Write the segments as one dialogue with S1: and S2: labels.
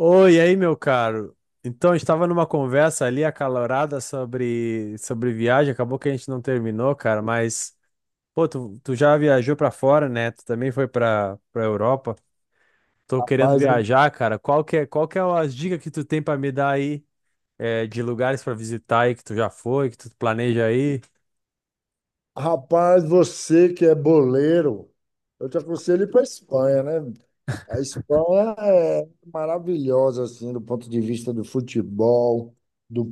S1: Oi, e aí, meu caro? Então, a gente estava numa conversa ali acalorada sobre viagem, acabou que a gente não terminou, cara, mas, pô, tu já viajou pra fora, né? Tu também foi pra Europa. Tô querendo
S2: Mas,
S1: viajar, cara. Qual que é as dicas que tu tem pra me dar aí, é, de lugares pra visitar aí que tu já foi, que tu planeja aí?
S2: rapaz, você que é boleiro, eu te aconselho ir para a Espanha, né? A Espanha é maravilhosa, assim, do ponto de vista do futebol, da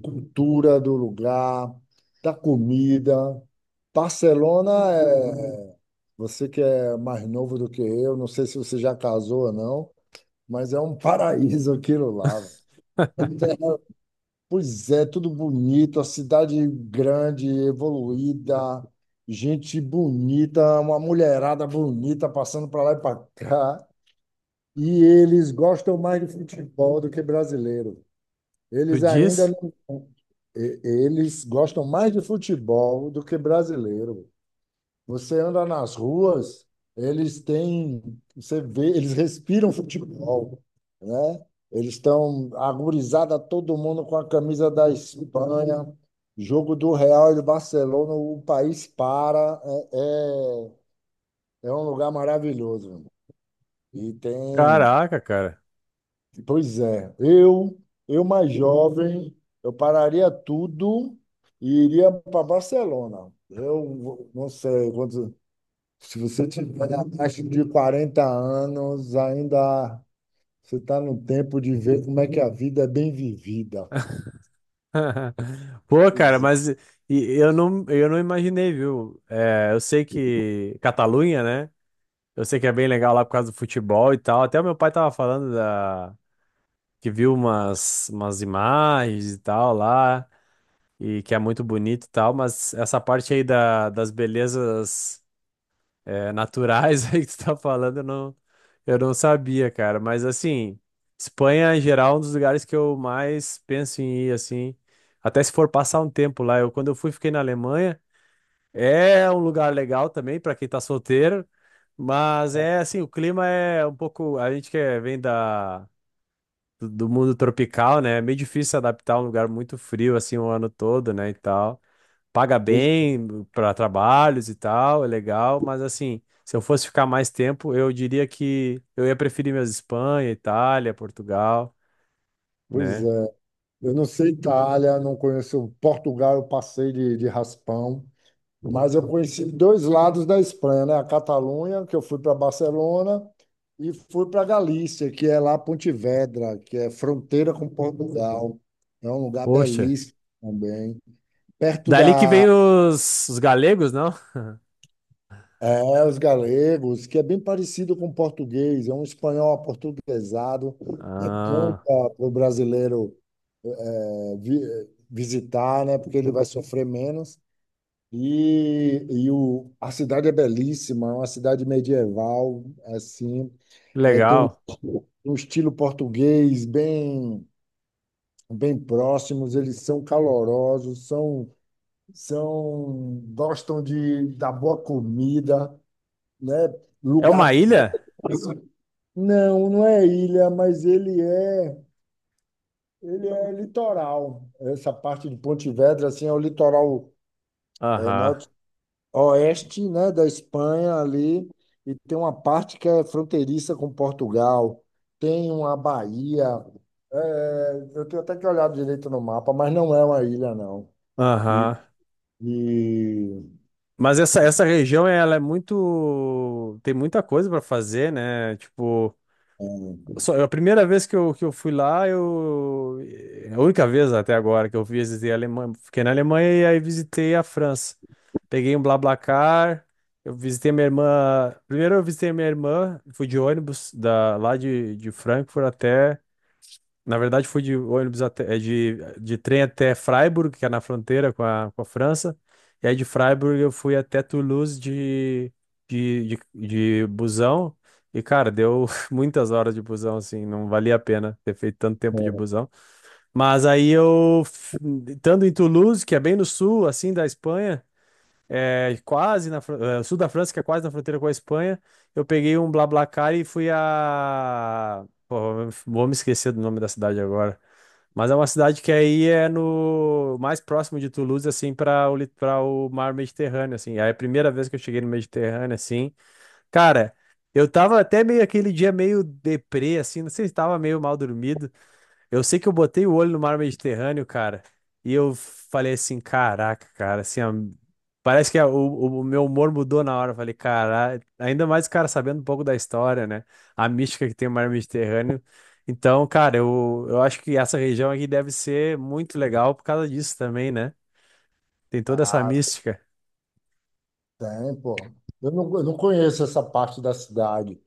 S2: cultura do lugar, da comida. Barcelona é. Você que é mais novo do que eu, não sei se você já casou ou não, mas é um paraíso aquilo lá. Pois é, tudo bonito, a cidade grande, evoluída, gente bonita, uma mulherada bonita passando para lá e para cá. E eles gostam mais de futebol do que brasileiro.
S1: Tu
S2: Eles ainda
S1: diz?
S2: não... Eles gostam mais de futebol do que brasileiro. Você anda nas ruas, eles têm, você vê, eles respiram futebol, né? Eles estão agorizada todo mundo com a camisa da Espanha, jogo do Real e do Barcelona, o país para, é, é um lugar maravilhoso, meu irmão. E tem,
S1: Caraca, cara.
S2: pois é, eu mais jovem, eu pararia tudo e iria para Barcelona. Eu não sei quantos. Se você tiver abaixo de 40 anos, ainda você está no tempo de ver como é que a vida é bem vivida.
S1: Pô, cara,
S2: Pois,
S1: mas eu não imaginei, viu? É, eu sei que Catalunha, né? Eu sei que é bem legal lá por causa do futebol e tal. Até o meu pai tava falando da... que viu umas imagens e tal lá, e que é muito bonito e tal, mas essa parte aí da... das belezas é, naturais aí que tu tá falando, eu não sabia, cara. Mas assim, Espanha em geral é um dos lugares que eu mais penso em ir, assim. Até se for passar um tempo lá. Quando eu fui, fiquei na Alemanha. É um lugar legal também para quem tá solteiro, mas é assim, o clima é um pouco, a gente que vem da do mundo tropical, né? É meio difícil se adaptar a um lugar muito frio assim o ano todo, né, e tal. Paga
S2: pois,
S1: bem para trabalhos e tal, é legal, mas assim, se eu fosse ficar mais tempo, eu diria que eu ia preferir mesmo Espanha, Itália, Portugal,
S2: Pois
S1: né?
S2: é. Eu não sei Itália, não conheço Portugal, eu passei de raspão, mas eu conheci dois lados da Espanha, né? A Catalunha, que eu fui para Barcelona, e fui para Galícia, que é lá Pontevedra, que é fronteira com Portugal. É um lugar
S1: Poxa,
S2: belíssimo também, perto
S1: dali que
S2: da...
S1: vem os galegos, não?
S2: É, os galegos, que é bem parecido com o português, é um espanhol aportuguesado, é bom
S1: Ah,
S2: para o brasileiro é, visitar, né, porque ele vai sofrer menos. E, a cidade é belíssima, é uma cidade medieval, assim, é, tem um,
S1: legal.
S2: um estilo português bem, bem próximos, eles são calorosos, são, são, gostam da boa comida, né,
S1: É uma
S2: lugar.
S1: ilha?
S2: Não, não é ilha, mas ele é litoral. Essa parte de Pontevedra assim é o litoral, é,
S1: Aham.
S2: norte, oeste, né, da Espanha ali, e tem uma parte que é fronteiriça com Portugal, tem uma baía. É, eu tenho até que olhar direito no mapa, mas não é uma ilha, não. E,
S1: Aham.
S2: e-
S1: Mas essa região, ela é muito. Tem muita coisa para fazer, né? Tipo, só, a primeira vez que eu fui lá, eu. É a única vez até agora que eu visitei a Alemanha. Fiquei na Alemanha e aí visitei a França. Peguei um BlaBlaCar, eu visitei minha irmã. Primeiro eu visitei minha irmã, fui de ônibus da, lá de Frankfurt até. Na verdade, fui de ônibus até, é, de trem até Freiburg, que é na fronteira com a França. E aí de Freiburg eu fui até Toulouse de, de, de busão. E, cara, deu muitas horas de busão, assim, não valia a pena ter feito tanto tempo de busão. Mas aí eu, estando em Toulouse, que é bem no sul, assim, da Espanha, é quase na, é, sul da França, que é quase na fronteira com a Espanha, eu peguei um BlaBlaCar e fui a... Vou me esquecer do nome da cidade agora. Mas é uma cidade que aí é no mais próximo de Toulouse, assim, para o, para o mar Mediterrâneo, assim. Aí é a primeira vez que eu cheguei no Mediterrâneo, assim, cara, eu tava até meio aquele dia meio deprê, assim, não sei se tava meio mal dormido, eu sei que eu botei o olho no mar Mediterrâneo, cara, e eu falei assim, caraca, cara, assim, ó, parece que o meu humor mudou na hora. Eu falei, cara, ainda mais, cara, sabendo um pouco da história, né? A mística que tem o mar Mediterrâneo. Então, cara, eu acho que essa região aqui deve ser muito legal por causa disso também, né? Tem toda essa mística.
S2: Tem, pô. Eu não conheço essa parte da cidade,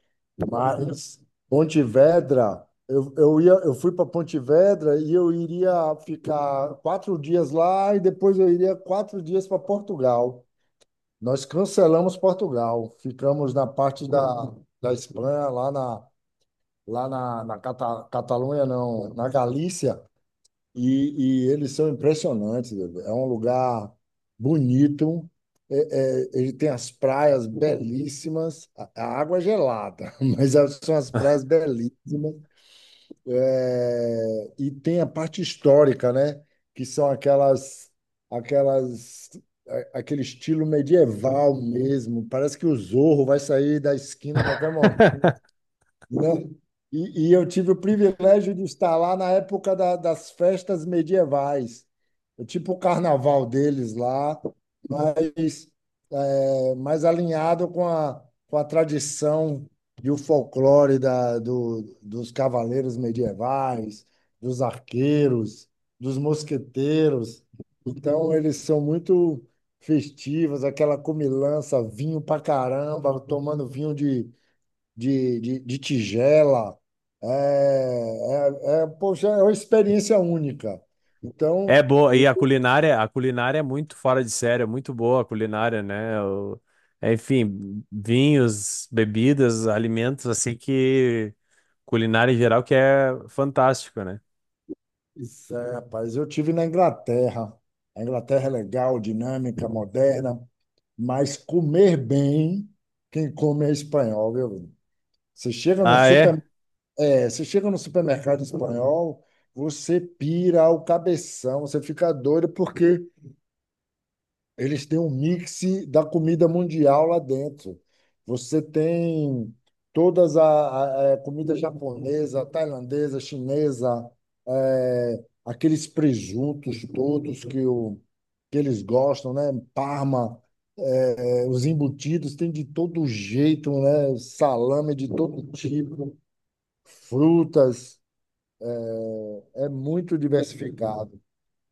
S2: mas Pontevedra, eu ia, eu fui para Pontevedra e eu iria ficar 4 dias lá e depois eu iria 4 dias para Portugal. Nós cancelamos Portugal, ficamos na parte da, da Espanha, lá na Cata, Catalunha, não, na Galícia. E eles são impressionantes. É um lugar bonito. É, ele tem as praias belíssimas. A água é gelada, mas são as praias belíssimas. É, e tem a parte histórica, né? Que são aquelas, aquele estilo medieval mesmo. Parece que o Zorro vai sair da esquina a qualquer, né? E eu tive o privilégio de estar lá na época das festas medievais. É tipo o carnaval deles lá, mas é, mais alinhado com a tradição e o folclore dos cavaleiros medievais, dos arqueiros, dos mosqueteiros. Então, eles são muito festivos, aquela comilança, vinho pra caramba, tomando vinho de tigela. É, poxa, é uma experiência única.
S1: É
S2: Então,
S1: boa, e
S2: eu-
S1: a culinária é muito fora de série, é muito boa a culinária, né? É, enfim, vinhos, bebidas, alimentos, assim que culinária em geral que é fantástico, né?
S2: isso é, rapaz, eu tive na Inglaterra. A Inglaterra é legal, dinâmica, moderna, mas comer bem, quem come é espanhol, viu? Você chega no
S1: Ah,
S2: super,
S1: é?
S2: é, você chega no supermercado espanhol, você pira o cabeção, você fica doido porque eles têm um mix da comida mundial lá dentro. Você tem todas a é, comida japonesa, tailandesa, chinesa, eh, aqueles presuntos todos que, o, que eles gostam, né? Parma, eh, os embutidos, tem de todo jeito, né? Salame de todo tipo, frutas, é muito diversificado.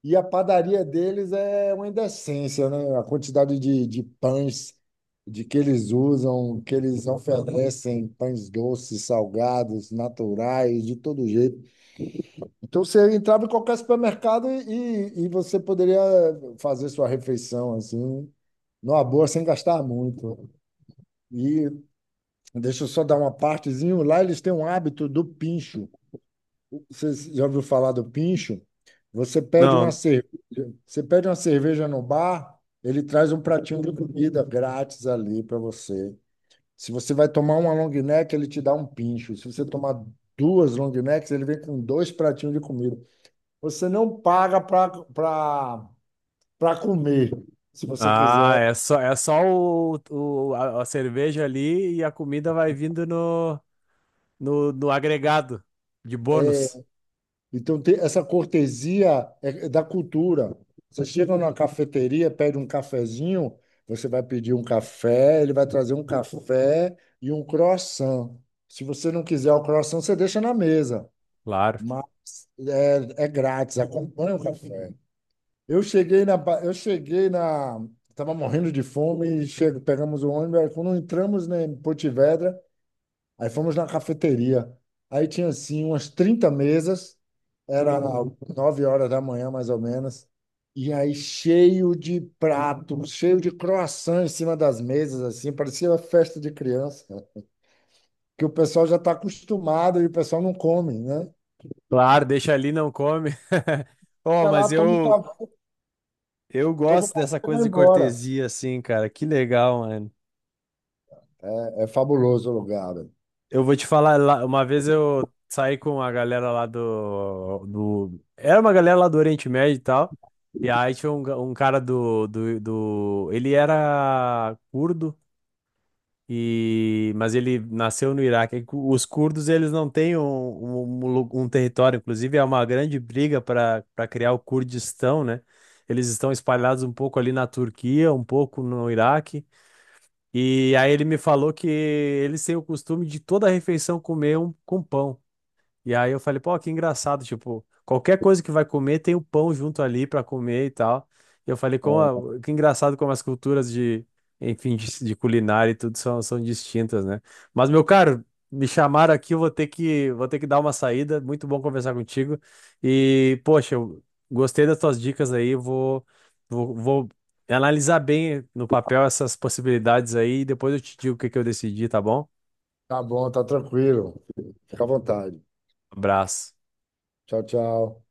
S2: E a padaria deles é uma indecência, né? A quantidade de pães de que eles usam, que eles oferecem, pães doces, salgados, naturais, de todo jeito. Então você entrava em qualquer supermercado e você poderia fazer sua refeição assim, numa boa, sem gastar muito. E deixa eu só dar uma partezinha, lá eles têm um hábito do pincho. Você já ouviu falar do pincho? Você pede
S1: Não.
S2: uma cerveja, você pede uma cerveja no bar, ele traz um pratinho de comida grátis ali para você. Se você vai tomar uma long neck, ele te dá um pincho. Se você tomar duas long necks, ele vem com dois pratinhos de comida. Você não paga para comer. Se você
S1: Ah,
S2: quiser...
S1: é só a cerveja ali e a comida vai vindo no agregado de bônus.
S2: Então, tem essa cortesia, é da cultura. Você chega numa cafeteria, pede um cafezinho, você vai pedir um café, ele vai trazer um café e um croissant. Se você não quiser o croissant, você deixa na mesa,
S1: Claro.
S2: mas é, é grátis, acompanha o café. Eu cheguei na, ba- eu cheguei na, tava morrendo de fome e chego, pegamos o ônibus. Aí, quando entramos, né, em Porto Vedra, aí fomos na cafeteria. Aí tinha assim umas 30 mesas, era 9 horas da manhã, mais ou menos. E aí, cheio de pratos, cheio de croissant em cima das mesas, assim, parecia uma festa de criança, cara, que o pessoal já está acostumado e o pessoal não come, né?
S1: Claro, deixa ali, não come. Oh,
S2: Vai lá,
S1: mas
S2: toma o
S1: eu,
S2: ca-,
S1: Eu
S2: toma o
S1: gosto
S2: café
S1: dessa
S2: e vai
S1: coisa de
S2: embora.
S1: cortesia, assim, cara. Que legal, mano.
S2: É fabuloso o lugar, velho.
S1: Eu vou te falar, lá- uma vez eu saí com a galera lá do... Era uma galera lá do Oriente Médio e tal. E aí tinha um, um cara do... Ele era curdo, e... mas ele nasceu no Iraque. E os curdos, eles não têm um território. Inclusive, é uma grande briga para criar o Kurdistão, né? Eles estão espalhados um pouco ali na Turquia, um pouco no Iraque. E aí ele me falou que eles têm o costume de toda refeição comer um com pão. E aí eu falei, pô, que engraçado, tipo, qualquer coisa que vai comer tem o pão junto ali pra comer e tal. E eu falei, como
S2: É,
S1: que engraçado como as culturas de, enfim, de culinária e tudo são distintas, né? Mas, meu caro, me chamaram aqui, eu vou ter que dar uma saída. Muito bom conversar contigo. E, poxa, eu gostei das tuas dicas aí, vou analisar bem no papel essas possibilidades aí e depois eu te digo o que que eu decidi, tá bom?
S2: tá bom, tá tranquilo. Fica à vontade.
S1: Abraço.
S2: Tchau, tchau.